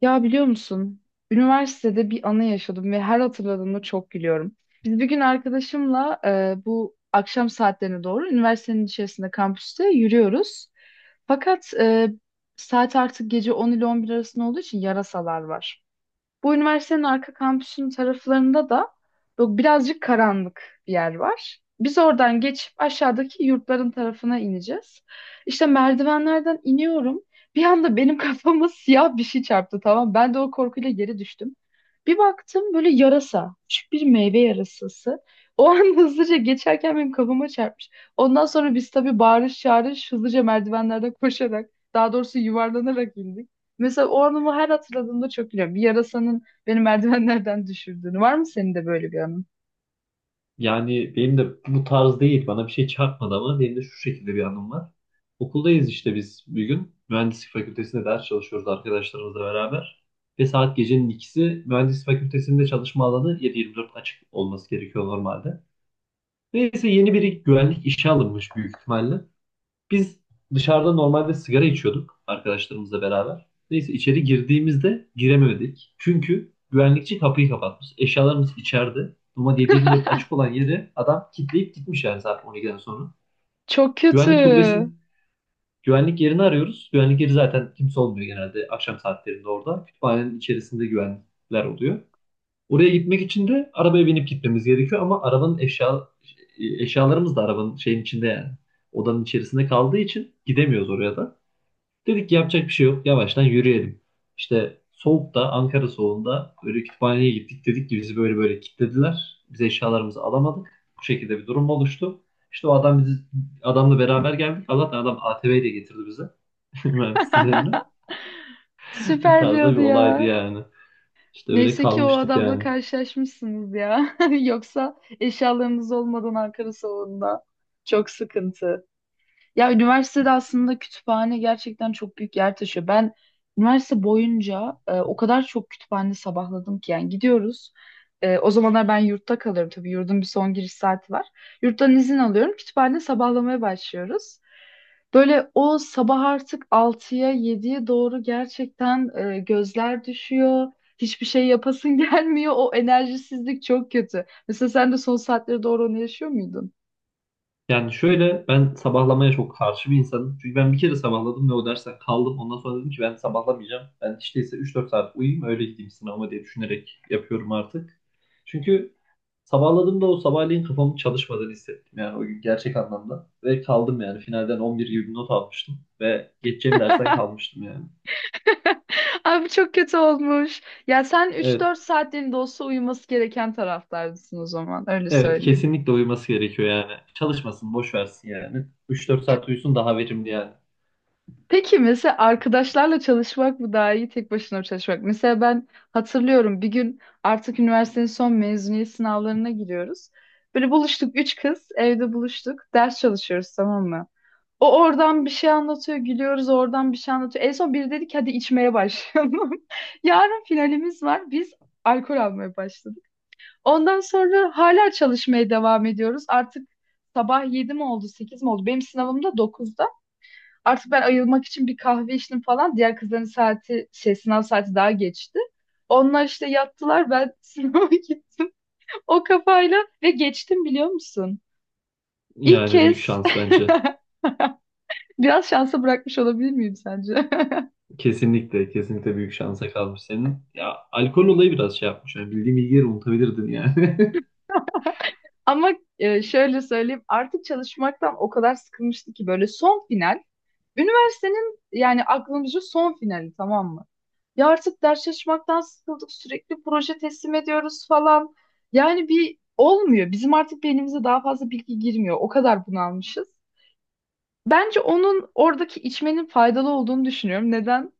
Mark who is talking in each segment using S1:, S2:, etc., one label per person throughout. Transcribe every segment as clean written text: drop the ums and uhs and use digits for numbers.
S1: Ya biliyor musun? Üniversitede bir anı yaşadım ve her hatırladığımda çok gülüyorum. Biz bir gün arkadaşımla bu akşam saatlerine doğru üniversitenin içerisinde kampüste yürüyoruz. Fakat saat artık gece 10 ile 11 arasında olduğu için yarasalar var. Bu üniversitenin arka kampüsünün taraflarında da bu birazcık karanlık bir yer var. Biz oradan geçip aşağıdaki yurtların tarafına ineceğiz. İşte merdivenlerden iniyorum. Bir anda benim kafama siyah bir şey çarptı, tamam mı? Ben de o korkuyla geri düştüm. Bir baktım böyle yarasa. Küçük bir meyve yarasası. O an hızlıca geçerken benim kafama çarpmış. Ondan sonra biz tabii bağırış çağırış hızlıca merdivenlerden koşarak, daha doğrusu yuvarlanarak indik. Mesela o anımı her hatırladığımda çok gülüyorum. Bir yarasanın beni merdivenlerden düşürdüğünü. Var mı senin de böyle bir anın?
S2: Yani benim de bu tarz değil. Bana bir şey çarpmadı ama benim de şu şekilde bir anım var. Okuldayız işte biz bir gün. Mühendislik fakültesinde ders çalışıyoruz arkadaşlarımızla beraber. Ve saat gecenin ikisi, mühendislik fakültesinde çalışma alanı 7-24 açık olması gerekiyor normalde. Neyse yeni biri güvenlik işe alınmış büyük ihtimalle. Biz dışarıda normalde sigara içiyorduk arkadaşlarımızla beraber. Neyse içeri girdiğimizde giremedik, çünkü güvenlikçi kapıyı kapatmış. Eşyalarımız içeride. Ama 7/24 açık olan yeri adam kilitleyip gitmiş, yani saat 12'den sonra.
S1: Çok kötü.
S2: Güvenlik kulübesinin, güvenlik yerini arıyoruz. Güvenlik yeri zaten, kimse olmuyor genelde akşam saatlerinde orada. Kütüphanenin içerisinde güvenlikler oluyor. Oraya gitmek için de arabaya binip gitmemiz gerekiyor ama arabanın eşya eşyalarımız da arabanın şeyin içinde, yani odanın içerisinde kaldığı için gidemiyoruz oraya da. Dedik ki yapacak bir şey yok, yavaştan yürüyelim. İşte soğukta, Ankara soğuğunda böyle kütüphaneye gittik. Dedik ki bizi böyle böyle kilitlediler, biz eşyalarımızı alamadık. Bu şekilde bir durum oluştu. İşte o adam bizi, adamla beraber geldik. Allah'tan adam ATV ile getirdi bize. Mühendisliğin önüne. Bu
S1: Süper bir
S2: tarzda bir
S1: adı
S2: olaydı
S1: ya.
S2: yani. İşte öyle
S1: Neyse ki o
S2: kalmıştık
S1: adamla
S2: yani.
S1: karşılaşmışsınız ya. Yoksa eşyalarınız olmadan Ankara salonunda. Çok sıkıntı. Ya üniversitede aslında kütüphane gerçekten çok büyük yer taşıyor. Ben üniversite boyunca o kadar çok kütüphane sabahladım ki, yani gidiyoruz. O zamanlar ben yurtta kalıyorum, tabii yurdun bir son giriş saati var. Yurttan izin alıyorum, kütüphane sabahlamaya başlıyoruz. Böyle o sabah artık altıya yediye doğru gerçekten gözler düşüyor. Hiçbir şey yapasın gelmiyor. O enerjisizlik çok kötü. Mesela sen de son saatlere doğru onu yaşıyor muydun?
S2: Yani şöyle, ben sabahlamaya çok karşı bir insanım. Çünkü ben bir kere sabahladım ve o dersten kaldım. Ondan sonra dedim ki ben sabahlamayacağım. Ben işte ise 3-4 saat uyuyayım, öyle gideyim sınavıma diye düşünerek yapıyorum artık. Çünkü sabahladığımda o sabahleyin kafamın çalışmadığını hissettim. Yani o gün, gerçek anlamda. Ve kaldım yani, finalden 11 gibi bir not almıştım. Ve geçeceğim dersten kalmıştım yani.
S1: Abi çok kötü olmuş. Ya sen 3-4
S2: Evet,
S1: saatliğinde olsa uyuması gereken taraflardasın o zaman. Öyle
S2: evet,
S1: söyleyeyim.
S2: kesinlikle uyuması gerekiyor yani. Çalışmasın, boş versin yani. 3-4 saat uyusun, daha verimli yani.
S1: Peki mesela arkadaşlarla çalışmak mı daha iyi, tek başına mı çalışmak? Mesela ben hatırlıyorum, bir gün artık üniversitenin son mezuniyet sınavlarına giriyoruz. Böyle buluştuk üç kız, evde buluştuk. Ders çalışıyoruz, tamam mı? O oradan bir şey anlatıyor, gülüyoruz, oradan bir şey anlatıyor. En son biri dedi ki hadi içmeye başlayalım. Yarın finalimiz var. Biz alkol almaya başladık. Ondan sonra hala çalışmaya devam ediyoruz. Artık sabah 7 mi oldu, 8 mi oldu? Benim sınavım da 9'da. Artık ben ayılmak için bir kahve içtim falan. Diğer kızların saati, şey, sınav saati daha geçti. Onlar işte yattılar, ben sınava gittim. O kafayla ve geçtim, biliyor musun? İlk
S2: Yani büyük
S1: kez
S2: şans bence.
S1: biraz şansa bırakmış olabilir miyim sence?
S2: Kesinlikle, kesinlikle büyük şansa kalmış senin. Ya, alkol olayı biraz şey yapmış. Yani bildiğim bilgileri unutabilirdin yani.
S1: Ama şöyle söyleyeyim, artık çalışmaktan o kadar sıkılmıştı ki, böyle son final. Üniversitenin yani aklımızda son finali, tamam mı? Ya artık ders çalışmaktan sıkıldık. Sürekli proje teslim ediyoruz falan. Yani bir olmuyor. Bizim artık beynimize daha fazla bilgi girmiyor. O kadar bunalmışız. Bence onun, oradaki içmenin faydalı olduğunu düşünüyorum. Neden?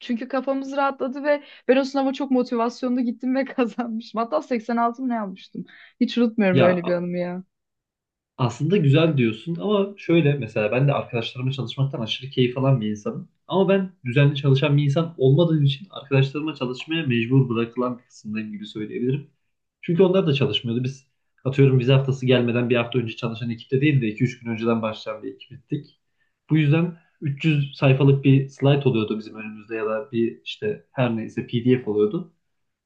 S1: Çünkü kafamız rahatladı ve ben o sınava çok motivasyonlu gittim ve kazanmıştım. Hatta 86 mı ne almıştım? Hiç unutmuyorum
S2: Ya,
S1: öyle bir anımı ya.
S2: aslında güzel diyorsun ama şöyle, mesela ben de arkadaşlarımla çalışmaktan aşırı keyif alan bir insanım. Ama ben düzenli çalışan bir insan olmadığım için, arkadaşlarıma çalışmaya mecbur bırakılan bir kısımdayım gibi söyleyebilirim. Çünkü onlar da çalışmıyordu. Biz, atıyorum, vize haftası gelmeden bir hafta önce çalışan ekipte değil de 2-3 gün önceden başlayan bir ekiptik. Bu yüzden 300 sayfalık bir slide oluyordu bizim önümüzde ya da bir işte her neyse PDF oluyordu.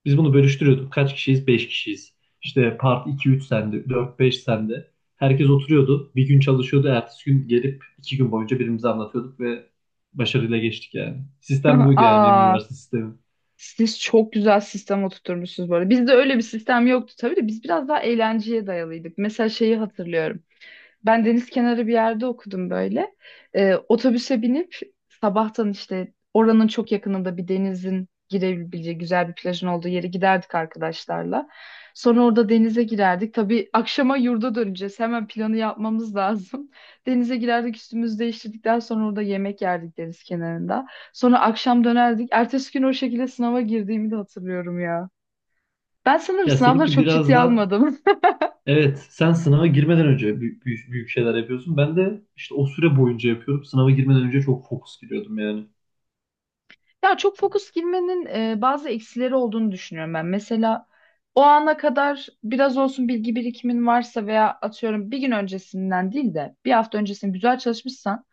S2: Biz bunu bölüştürüyorduk. Kaç kişiyiz? 5 kişiyiz. İşte part iki üç sende, dört beş sende. Herkes oturuyordu, bir gün çalışıyordu. Ertesi gün gelip iki gün boyunca birbirimize anlatıyorduk ve başarıyla geçtik yani. Sistem buydu yani, benim
S1: Aa,
S2: üniversite sistemi.
S1: siz çok güzel sistem oturtmuşsunuz bu arada. Bizde öyle bir sistem yoktu tabii de biz biraz daha eğlenceye dayalıydık. Mesela şeyi hatırlıyorum. Ben deniz kenarı bir yerde okudum böyle. Otobüse binip sabahtan işte oranın çok yakınında bir denizin girebileceği güzel bir plajın olduğu yere giderdik arkadaşlarla. Sonra orada denize girerdik. Tabii akşama yurda döneceğiz. Hemen planı yapmamız lazım. Denize girerdik, üstümüzü değiştirdikten sonra orada yemek yerdik deniz kenarında. Sonra akşam dönerdik. Ertesi gün o şekilde sınava girdiğimi de hatırlıyorum ya. Ben sanırım
S2: Ya
S1: sınavları
S2: seninki
S1: çok
S2: biraz
S1: ciddiye
S2: da,
S1: almadım.
S2: evet, sen sınava girmeden önce büyük, büyük şeyler yapıyorsun. Ben de işte o süre boyunca yapıyorum. Sınava girmeden önce çok fokus giriyordum yani.
S1: Ya çok fokus girmenin bazı eksileri olduğunu düşünüyorum ben. Mesela o ana kadar biraz olsun bilgi birikimin varsa veya atıyorum bir gün öncesinden değil de bir hafta öncesinde güzel çalışmışsan,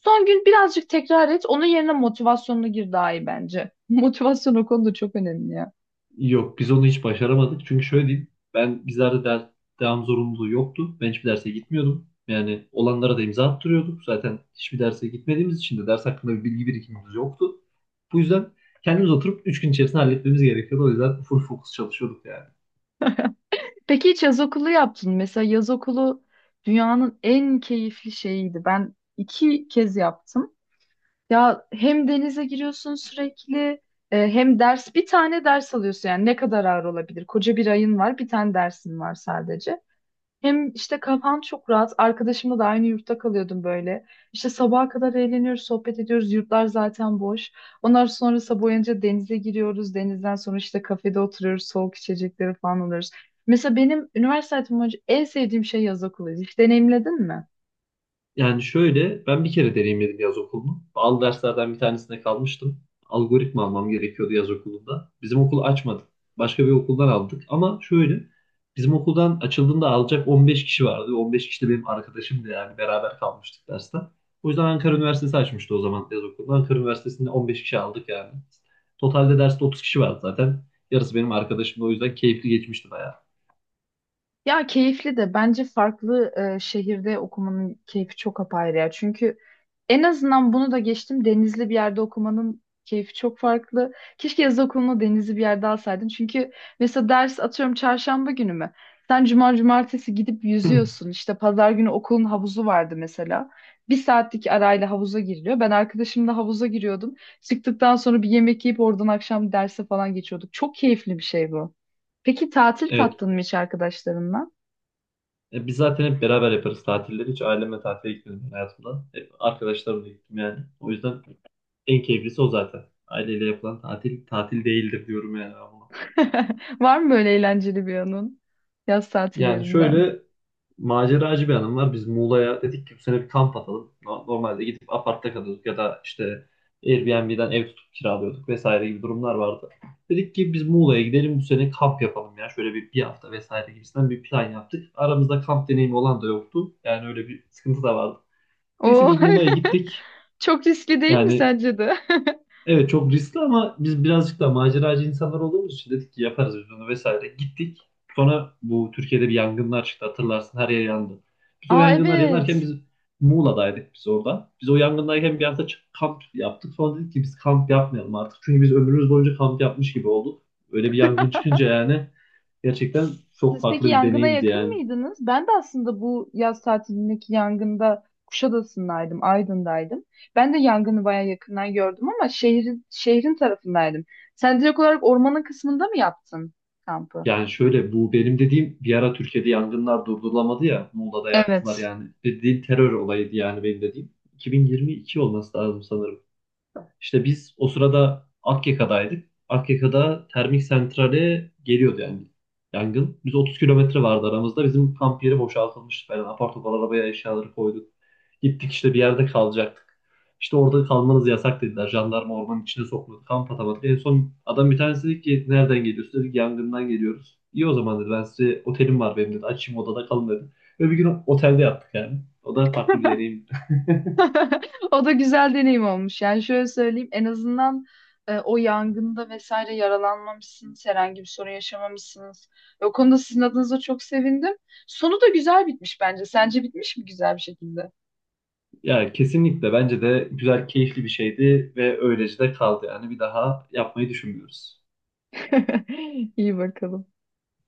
S1: son gün birazcık tekrar et. Onun yerine motivasyonlu gir, daha iyi bence. Motivasyon o konuda çok önemli ya.
S2: Yok, biz onu hiç başaramadık. Çünkü şöyle diyeyim, ben bizlerde ders, devam zorunluluğu yoktu. Ben hiçbir derse gitmiyordum. Yani olanlara da imza attırıyorduk. Zaten hiçbir derse gitmediğimiz için de ders hakkında bir bilgi birikimimiz yoktu. Bu yüzden kendimiz oturup 3 gün içerisinde halletmemiz gerekiyordu. O yüzden full fokus çalışıyorduk yani.
S1: Peki hiç yaz okulu yaptın mı? Mesela yaz okulu dünyanın en keyifli şeyiydi. Ben iki kez yaptım. Ya hem denize giriyorsun sürekli, hem ders, bir tane ders alıyorsun, yani ne kadar ağır olabilir? Koca bir ayın var, bir tane dersin var sadece. Hem işte kafan çok rahat. Arkadaşımla da aynı yurtta kalıyordum böyle. İşte sabaha kadar eğleniyoruz, sohbet ediyoruz. Yurtlar zaten boş. Ondan sonra sabah uyanınca denize giriyoruz. Denizden sonra işte kafede oturuyoruz. Soğuk içecekleri falan alıyoruz. Mesela benim üniversite hayatım boyunca en sevdiğim şey yaz okuluydu. Hiç deneyimledin mi?
S2: Yani şöyle, ben bir kere deneyimledim yaz okulunu. Bazı derslerden bir tanesinde kalmıştım. Algoritma almam gerekiyordu yaz okulunda. Bizim okul açmadı. Başka bir okuldan aldık ama şöyle, bizim okuldan açıldığında alacak 15 kişi vardı. 15 kişi de benim arkadaşım da, yani beraber kalmıştık derste. O yüzden Ankara Üniversitesi açmıştı o zaman yaz okulunu. Ankara Üniversitesi'nde 15 kişi aldık yani. Totalde derste 30 kişi vardı zaten. Yarısı benim arkadaşım da, o yüzden keyifli geçmişti bayağı.
S1: Ya keyifli de, bence farklı şehirde okumanın keyfi çok apayrı ya. Çünkü en azından bunu da geçtim. Denizli bir yerde okumanın keyfi çok farklı. Keşke yaz okulunu denizli bir yerde alsaydın. Çünkü mesela ders, atıyorum, çarşamba günü mü? Sen cuma cumartesi gidip yüzüyorsun. İşte pazar günü okulun havuzu vardı mesela. Bir saatlik arayla havuza giriliyor. Ben arkadaşımla havuza giriyordum. Çıktıktan sonra bir yemek yiyip oradan akşam derse falan geçiyorduk. Çok keyifli bir şey bu. Peki tatil
S2: Evet,
S1: tattın mı hiç arkadaşlarınla?
S2: e, biz zaten hep beraber yaparız tatilleri. Hiç ailemle tatile gitmedim ben hayatımda. Hep arkadaşlarımla gittim yani. O yüzden en keyiflisi o zaten. Aileyle yapılan tatil, tatil değildir diyorum yani ben buna.
S1: Var mı böyle eğlenceli bir anın yaz
S2: Yani
S1: tatillerinden?
S2: şöyle, maceracı bir hanım var. Biz Muğla'ya, dedik ki bu sene bir kamp atalım. Normalde gidip apartta kalıyorduk ya da işte Airbnb'den ev tutup kiralıyorduk vesaire gibi durumlar vardı. Dedik ki biz Muğla'ya gidelim bu sene, kamp yapalım ya. Şöyle bir hafta vesaire gibisinden bir plan yaptık. Aramızda kamp deneyimi olan da yoktu. Yani öyle bir sıkıntı da vardı. Neyse
S1: Oo,
S2: biz Muğla'ya gittik.
S1: çok riskli değil mi
S2: Yani
S1: sence de?
S2: evet, çok riskli ama biz birazcık da maceracı insanlar olduğumuz için dedik ki yaparız biz bunu vesaire. Gittik. Sonra bu Türkiye'de bir yangınlar çıktı, hatırlarsın, her yer yandı. Biz o
S1: Aa,
S2: yangınlar yanarken
S1: evet.
S2: biz Muğla'daydık, biz orada. Biz o yangındayken bir hafta kamp yaptık. Sonra dedik ki biz kamp yapmayalım artık. Çünkü biz ömrümüz boyunca kamp yapmış gibi olduk. Öyle bir yangın çıkınca yani, gerçekten çok
S1: Siz peki
S2: farklı bir
S1: yangına
S2: deneyimdi
S1: yakın
S2: yani.
S1: mıydınız? Ben de aslında bu yaz tatilindeki yangında Kuşadası'ndaydım, Aydın'daydım. Ben de yangını bayağı yakından gördüm, ama şehrin tarafındaydım. Sen direkt olarak ormanın kısmında mı yaptın kampı?
S2: Yani şöyle, bu benim dediğim bir ara Türkiye'de yangınlar durdurulamadı ya, Muğla'da yaktılar
S1: Evet.
S2: yani. Dediğim terör olayıydı yani benim dediğim. 2022 olması lazım sanırım ama İşte biz o sırada Akyaka'daydık. Akyaka'da termik santrale geliyordu yani yangın. Biz 30 kilometre vardı aramızda. Bizim kamp yeri boşaltılmıştı falan. Apar topar arabaya eşyaları koyduk. Gittik işte bir yerde kalacaktık. İşte orada kalmanız yasak dediler. Jandarma ormanın içine sokmadı. Kamp atamadık. En son adam bir tanesi dedi ki, nereden geliyorsun? Dedik yangından geliyoruz. İyi, o zaman dedi. Ben size, otelim var benim dedi. Açayım, odada kalın dedi. Ve bir gün otelde yattık yani. O da farklı bir deneyim.
S1: O da güzel deneyim olmuş. Yani şöyle söyleyeyim, en azından o yangında vesaire yaralanmamışsınız, herhangi bir sorun yaşamamışsınız. Ve o konuda sizin adınıza çok sevindim. Sonu da güzel bitmiş bence. Sence bitmiş mi güzel bir şekilde?
S2: Ya kesinlikle, bence de güzel, keyifli bir şeydi ve öylece de kaldı. Yani bir daha yapmayı düşünmüyoruz.
S1: İyi bakalım.